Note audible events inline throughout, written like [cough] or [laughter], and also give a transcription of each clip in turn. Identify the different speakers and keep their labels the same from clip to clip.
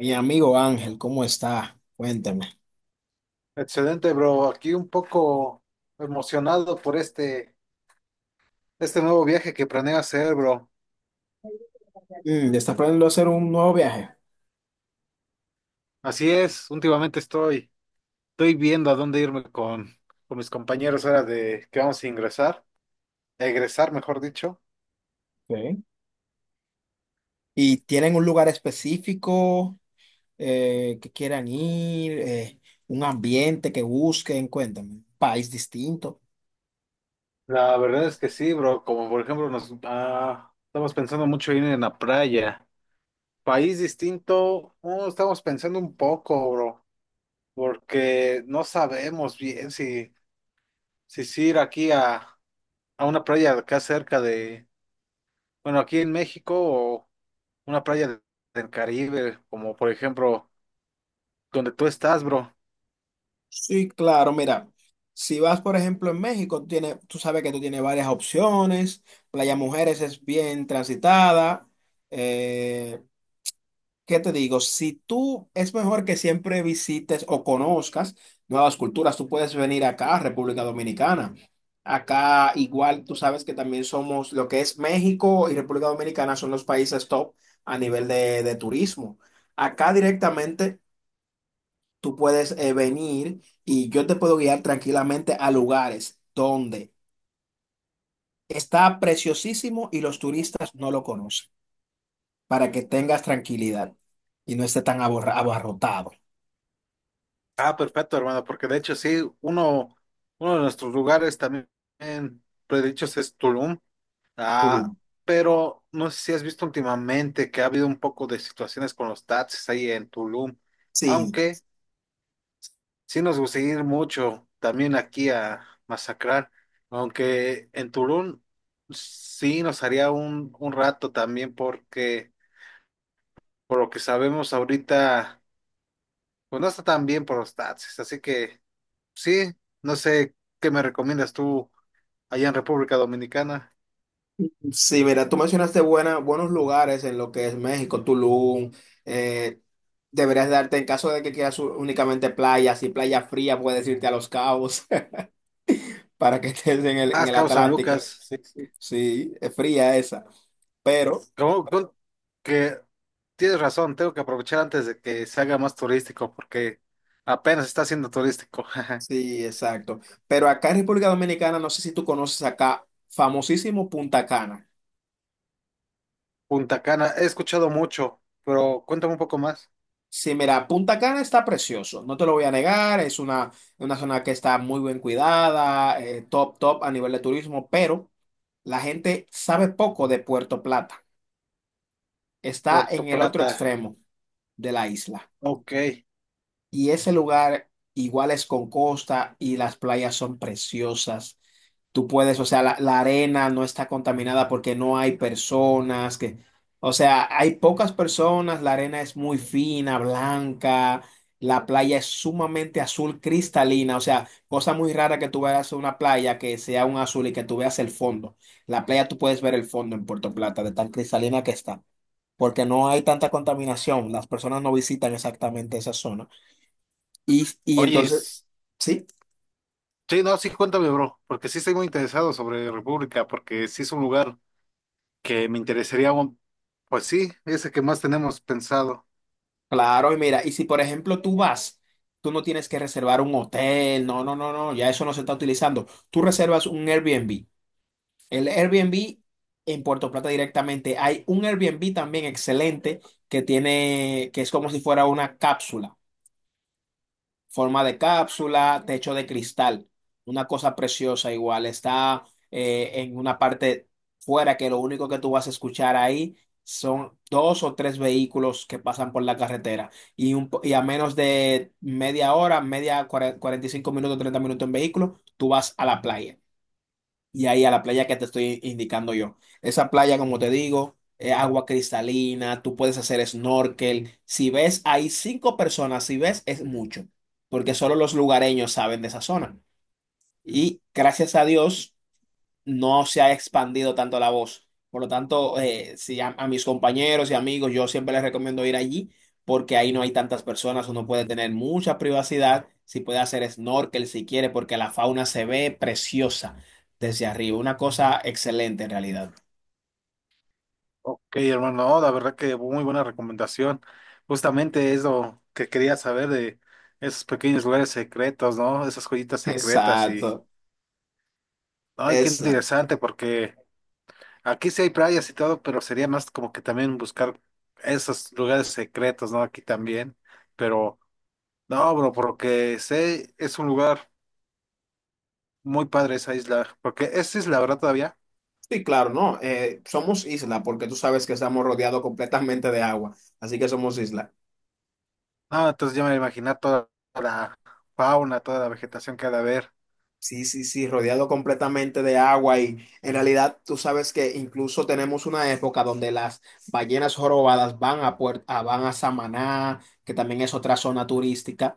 Speaker 1: Mi amigo Ángel, ¿cómo está? Cuénteme.
Speaker 2: Excelente, bro. Aquí un poco emocionado por este nuevo viaje que planeo hacer, bro.
Speaker 1: ¿Ya está planeando hacer un nuevo viaje?
Speaker 2: Así es, estoy viendo a dónde irme con mis compañeros ahora de que vamos a ingresar, egresar, mejor dicho.
Speaker 1: Ok. ¿Y tienen un lugar específico que quieran ir? ¿Un ambiente que busquen? Cuéntame. ¿País distinto?
Speaker 2: La verdad es que sí, bro. Como por ejemplo, nos estamos pensando mucho en ir en la playa. País distinto, estamos pensando un poco, bro, porque no sabemos bien si sí ir aquí a una playa acá cerca de. Bueno, aquí en México o una playa del Caribe, como por ejemplo donde tú estás, bro.
Speaker 1: Sí, claro, mira, si vas, por ejemplo, en México, tiene, tú sabes que tú tienes varias opciones, Playa Mujeres es bien transitada, eh, ¿qué te digo? Si tú, es mejor que siempre visites o conozcas nuevas culturas, tú puedes venir acá a República Dominicana. Acá igual tú sabes que también somos, lo que es México y República Dominicana son los países top a nivel de turismo. Acá directamente tú puedes venir y yo te puedo guiar tranquilamente a lugares donde está preciosísimo y los turistas no lo conocen, para que tengas tranquilidad y no esté tan abarrotado.
Speaker 2: Ah, perfecto, hermano, porque de hecho sí, uno de nuestros lugares también predichos es Tulum. Ah,
Speaker 1: Tulum.
Speaker 2: pero no sé si has visto últimamente que ha habido un poco de situaciones con los taxis ahí en Tulum,
Speaker 1: Sí,
Speaker 2: aunque sí nos gusta ir mucho también aquí a masacrar, aunque en Tulum sí nos haría un rato también porque... Por lo que sabemos ahorita, pues no está tan bien por los taxis. Así que sí, no sé qué me recomiendas tú allá en República Dominicana.
Speaker 1: sí, mira, tú mencionaste buenos lugares en lo que es México, Tulum. eh, deberías darte, en caso de que quieras únicamente playas y playa fría, puedes irte a Los Cabos [laughs] para que estés en
Speaker 2: Ah,
Speaker 1: en
Speaker 2: es
Speaker 1: el
Speaker 2: Cabo San
Speaker 1: Atlántico.
Speaker 2: Lucas. Sí.
Speaker 1: Sí, es fría esa. Pero
Speaker 2: Como- con- que tienes razón, tengo que aprovechar antes de que se haga más turístico, porque apenas está siendo turístico. [laughs]
Speaker 1: sí, exacto. Pero acá en República Dominicana, no sé si tú conoces acá, famosísimo Punta Cana.
Speaker 2: Punta Cana, he escuchado mucho, pero cuéntame un poco más.
Speaker 1: Sí, mira, Punta Cana está precioso, no te lo voy a negar, es una zona que está muy bien cuidada, top, top a nivel de turismo, pero la gente sabe poco de Puerto Plata. Está en
Speaker 2: Puerto
Speaker 1: el otro
Speaker 2: Plata,
Speaker 1: extremo de la isla.
Speaker 2: ok.
Speaker 1: Y ese lugar igual es con costa y las playas son preciosas. Tú puedes, o sea, la arena no está contaminada porque no hay personas que, o sea, hay pocas personas, la arena es muy fina, blanca, la playa es sumamente azul cristalina, o sea, cosa muy rara que tú veas una playa que sea un azul y que tú veas el fondo. La playa tú puedes ver el fondo en Puerto Plata, de tan cristalina que está, porque no hay tanta contaminación, las personas no visitan exactamente esa zona. Y
Speaker 2: Oye,
Speaker 1: entonces,
Speaker 2: es-
Speaker 1: sí,
Speaker 2: sí, no, sí, cuéntame, bro, porque sí estoy muy interesado sobre República, porque sí es un lugar que me interesaría. Pues sí, ese que más tenemos pensado.
Speaker 1: claro, y mira, y si por ejemplo tú vas, tú no tienes que reservar un hotel, no, no, no, no, ya eso no se está utilizando. Tú reservas un Airbnb. El Airbnb en Puerto Plata directamente, hay un Airbnb también excelente que tiene, que es como si fuera una cápsula. Forma de cápsula, techo de cristal, una cosa preciosa igual. Está en una parte fuera que lo único que tú vas a escuchar ahí son dos o tres vehículos que pasan por la carretera y, y a menos de media hora, media 45 minutos, 30 minutos en vehículo, tú vas a la playa y ahí a la playa que te estoy indicando yo. Esa playa, como te digo, es agua cristalina, tú puedes hacer snorkel. Si ves, hay cinco personas, si ves, es mucho, porque solo los lugareños saben de esa zona. Y gracias a Dios no se ha expandido tanto la voz. Por lo tanto, si a mis compañeros y amigos, yo siempre les recomiendo ir allí porque ahí no hay tantas personas, uno puede tener mucha privacidad, si puede hacer snorkel si quiere, porque la fauna se ve preciosa desde arriba, una cosa excelente en realidad.
Speaker 2: Ok, hermano, no, la verdad que muy buena recomendación. Justamente es lo que quería saber de esos pequeños lugares secretos, ¿no? Esas joyitas secretas y,
Speaker 1: Exacto,
Speaker 2: ay, qué
Speaker 1: exacto.
Speaker 2: interesante porque aquí sí hay playas y todo, pero sería más como que también buscar esos lugares secretos, ¿no? Aquí también, pero no, bro, porque sé, es un lugar muy padre esa isla, porque es isla, ¿verdad, todavía?
Speaker 1: Sí, claro, no, somos isla porque tú sabes que estamos rodeados completamente de agua, así que somos isla.
Speaker 2: No, entonces yo me imaginé toda la fauna, toda la vegetación que ha de haber.
Speaker 1: Sí, sí, sí, rodeado completamente de agua y en realidad tú sabes que incluso tenemos una época donde las ballenas jorobadas van a, van a Samaná, que también es otra zona turística,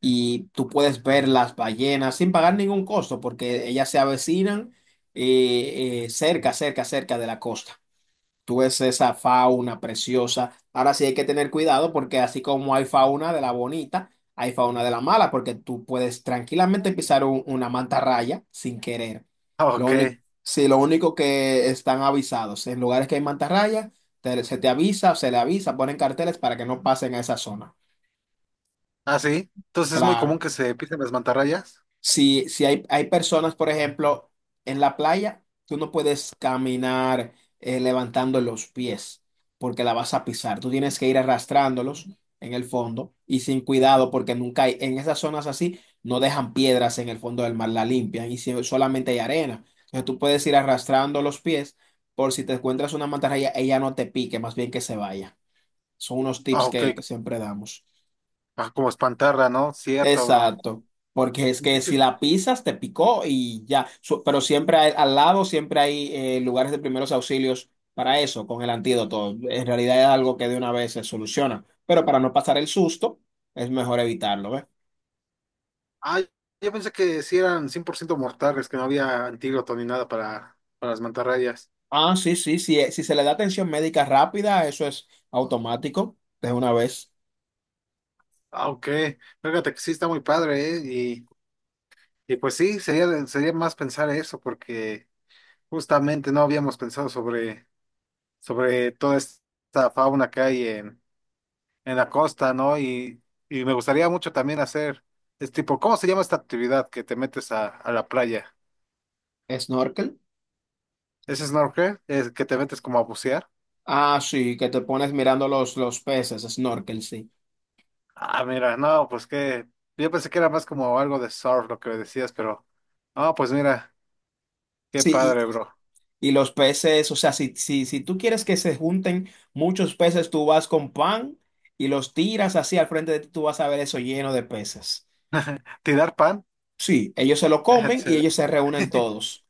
Speaker 1: y tú puedes ver las ballenas sin pagar ningún costo porque ellas se avecinan cerca, cerca, cerca de la costa. Tú ves esa fauna preciosa. Ahora sí hay que tener cuidado porque así como hay fauna de la bonita, hay fauna de la mala, porque tú puedes tranquilamente pisar una mantarraya sin querer.
Speaker 2: Ah,
Speaker 1: Lo
Speaker 2: ok.
Speaker 1: único, sí, lo único que están avisados, en lugares que hay mantarraya, se te avisa, se le avisa, ponen carteles para que no pasen a esa zona.
Speaker 2: Ah, sí. Entonces es muy común
Speaker 1: Claro.
Speaker 2: que se pisen las mantarrayas.
Speaker 1: Si hay, hay personas, por ejemplo, en la playa, tú no puedes caminar levantando los pies porque la vas a pisar. Tú tienes que ir arrastrándolos en el fondo y sin cuidado porque nunca hay, en esas zonas así, no dejan piedras en el fondo del mar, la limpian y solamente hay arena. Entonces tú puedes ir arrastrando los pies por si te encuentras una mantarraya, ella no te pique, más bien que se vaya. Son unos
Speaker 2: Ah,
Speaker 1: tips
Speaker 2: ok.
Speaker 1: que siempre damos.
Speaker 2: Ah, como espantarla, ¿no? Cierto, bro.
Speaker 1: Exacto, porque es
Speaker 2: De
Speaker 1: que
Speaker 2: hecho,
Speaker 1: si la pisas te picó y ya, pero siempre al lado siempre hay lugares de primeros auxilios para eso, con el antídoto. En realidad es algo que de una vez se soluciona, pero para no pasar el susto es mejor evitarlo, ¿ves?
Speaker 2: ah, yo pensé que sí eran 100% mortales, que no había antídoto ni nada para las mantarrayas.
Speaker 1: Ah, sí, sí, sí, si se le da atención médica rápida, eso es automático, de una vez.
Speaker 2: Ah, ok. Fíjate que sí está muy padre, ¿eh? Y, y pues sí, sería más pensar eso, porque justamente no habíamos pensado sobre toda esta fauna que hay en la costa, ¿no? Y me gustaría mucho también hacer, es tipo, ¿cómo se llama esta actividad que te metes a la playa?
Speaker 1: ¿Snorkel?
Speaker 2: ¿Es snorkel? ¿Es que te metes como a bucear?
Speaker 1: Ah, sí, que te pones mirando los peces, snorkel, sí.
Speaker 2: Ah, mira, no, pues que yo pensé que era más como algo de surf lo que me decías, pero no, pues mira, qué
Speaker 1: Sí,
Speaker 2: padre, bro.
Speaker 1: y los peces, o sea, si, si, si tú quieres que se junten muchos peces, tú vas con pan y los tiras así al frente de ti, tú vas a ver eso lleno de peces.
Speaker 2: ¿Tirar pan?
Speaker 1: Sí, ellos se lo
Speaker 2: [laughs]
Speaker 1: comen y ellos se
Speaker 2: Excelente.
Speaker 1: reúnen todos.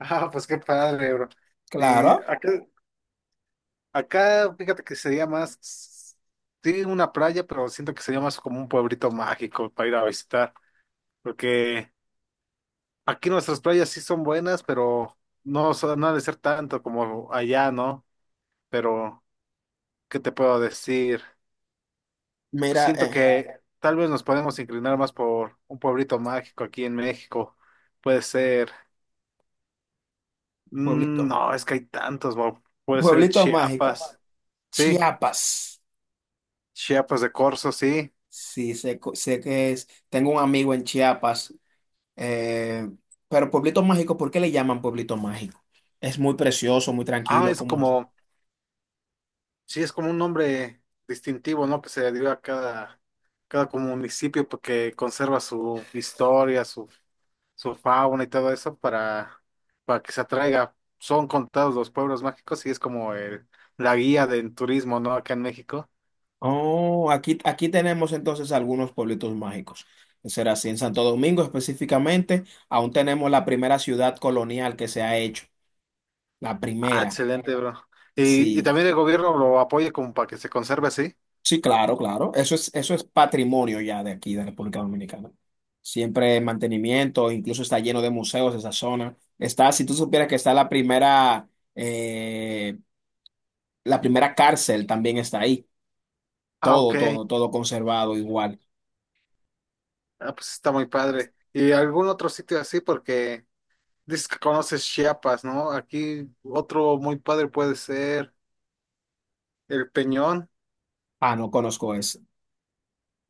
Speaker 2: Ah, pues qué padre, bro. Y
Speaker 1: Claro,
Speaker 2: acá, acá, fíjate que sería más, sí, una playa, pero siento que sería más como un pueblito mágico para ir a visitar, porque aquí nuestras playas sí son buenas, pero no, no ha de ser tanto como allá, ¿no? Pero, ¿qué te puedo decir?
Speaker 1: mira,
Speaker 2: Siento que tal vez nos podemos inclinar más por un pueblito mágico aquí en México. Puede ser,
Speaker 1: pueblito,
Speaker 2: no, es que hay tantos, Bob. Puede ser
Speaker 1: pueblito mágico,
Speaker 2: Chiapas, sí,
Speaker 1: Chiapas.
Speaker 2: Chiapas de Corzo, sí.
Speaker 1: Sí, sé, sé que es, tengo un amigo en Chiapas, eh, pero pueblito mágico, ¿por qué le llaman pueblito mágico? Es muy precioso, muy
Speaker 2: Ah,
Speaker 1: tranquilo,
Speaker 2: es
Speaker 1: ¿cómo es?
Speaker 2: como, sí, es como un nombre distintivo, ¿no? Que se le dio a cada como municipio porque conserva su historia, su fauna y todo eso para que se atraiga. Son contados los pueblos mágicos y es como el, la guía del turismo, ¿no? Acá en México.
Speaker 1: Oh, aquí, aquí tenemos entonces algunos pueblitos mágicos. Será así, en Santo Domingo específicamente, aún tenemos la primera ciudad colonial que se ha hecho. La
Speaker 2: Ah,
Speaker 1: primera,
Speaker 2: excelente, bro. Y
Speaker 1: sí.
Speaker 2: también el gobierno lo apoya como para que se conserve así.
Speaker 1: Sí, claro, claro. Eso es patrimonio ya de aquí, de República Dominicana. Siempre mantenimiento, incluso está lleno de museos esa zona. Está, si tú supieras que está eh, la primera cárcel también está ahí.
Speaker 2: Ah,
Speaker 1: Todo,
Speaker 2: ok.
Speaker 1: todo, todo conservado igual.
Speaker 2: Ah, pues está muy padre. ¿Y algún otro sitio así? Porque dices que conoces Chiapas, ¿no? Aquí otro muy padre puede ser. El Peñón,
Speaker 1: Ah, no conozco ese.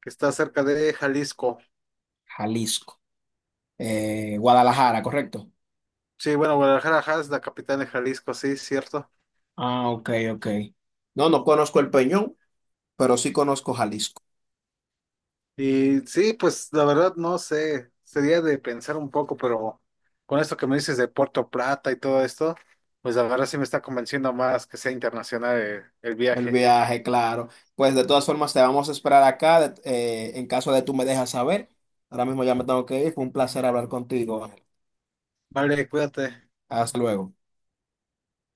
Speaker 2: que está cerca de Jalisco.
Speaker 1: Jalisco. Guadalajara, ¿correcto?
Speaker 2: Sí, bueno, Guadalajara ajá, es la capital de Jalisco, sí, cierto.
Speaker 1: Ah, ok, ok. No, no conozco el Peñón, pero sí conozco Jalisco.
Speaker 2: Y sí, pues la verdad no sé, sería de pensar un poco, pero con esto que me dices de Puerto Plata y todo esto, pues la verdad sí me está convenciendo más que sea internacional el
Speaker 1: El
Speaker 2: viaje.
Speaker 1: viaje, claro. Pues de todas formas, te vamos a esperar acá en caso de tú me dejas saber. Ahora mismo ya me tengo que ir. Fue un placer hablar contigo. Ángel.
Speaker 2: Vale, cuídate.
Speaker 1: Hasta luego.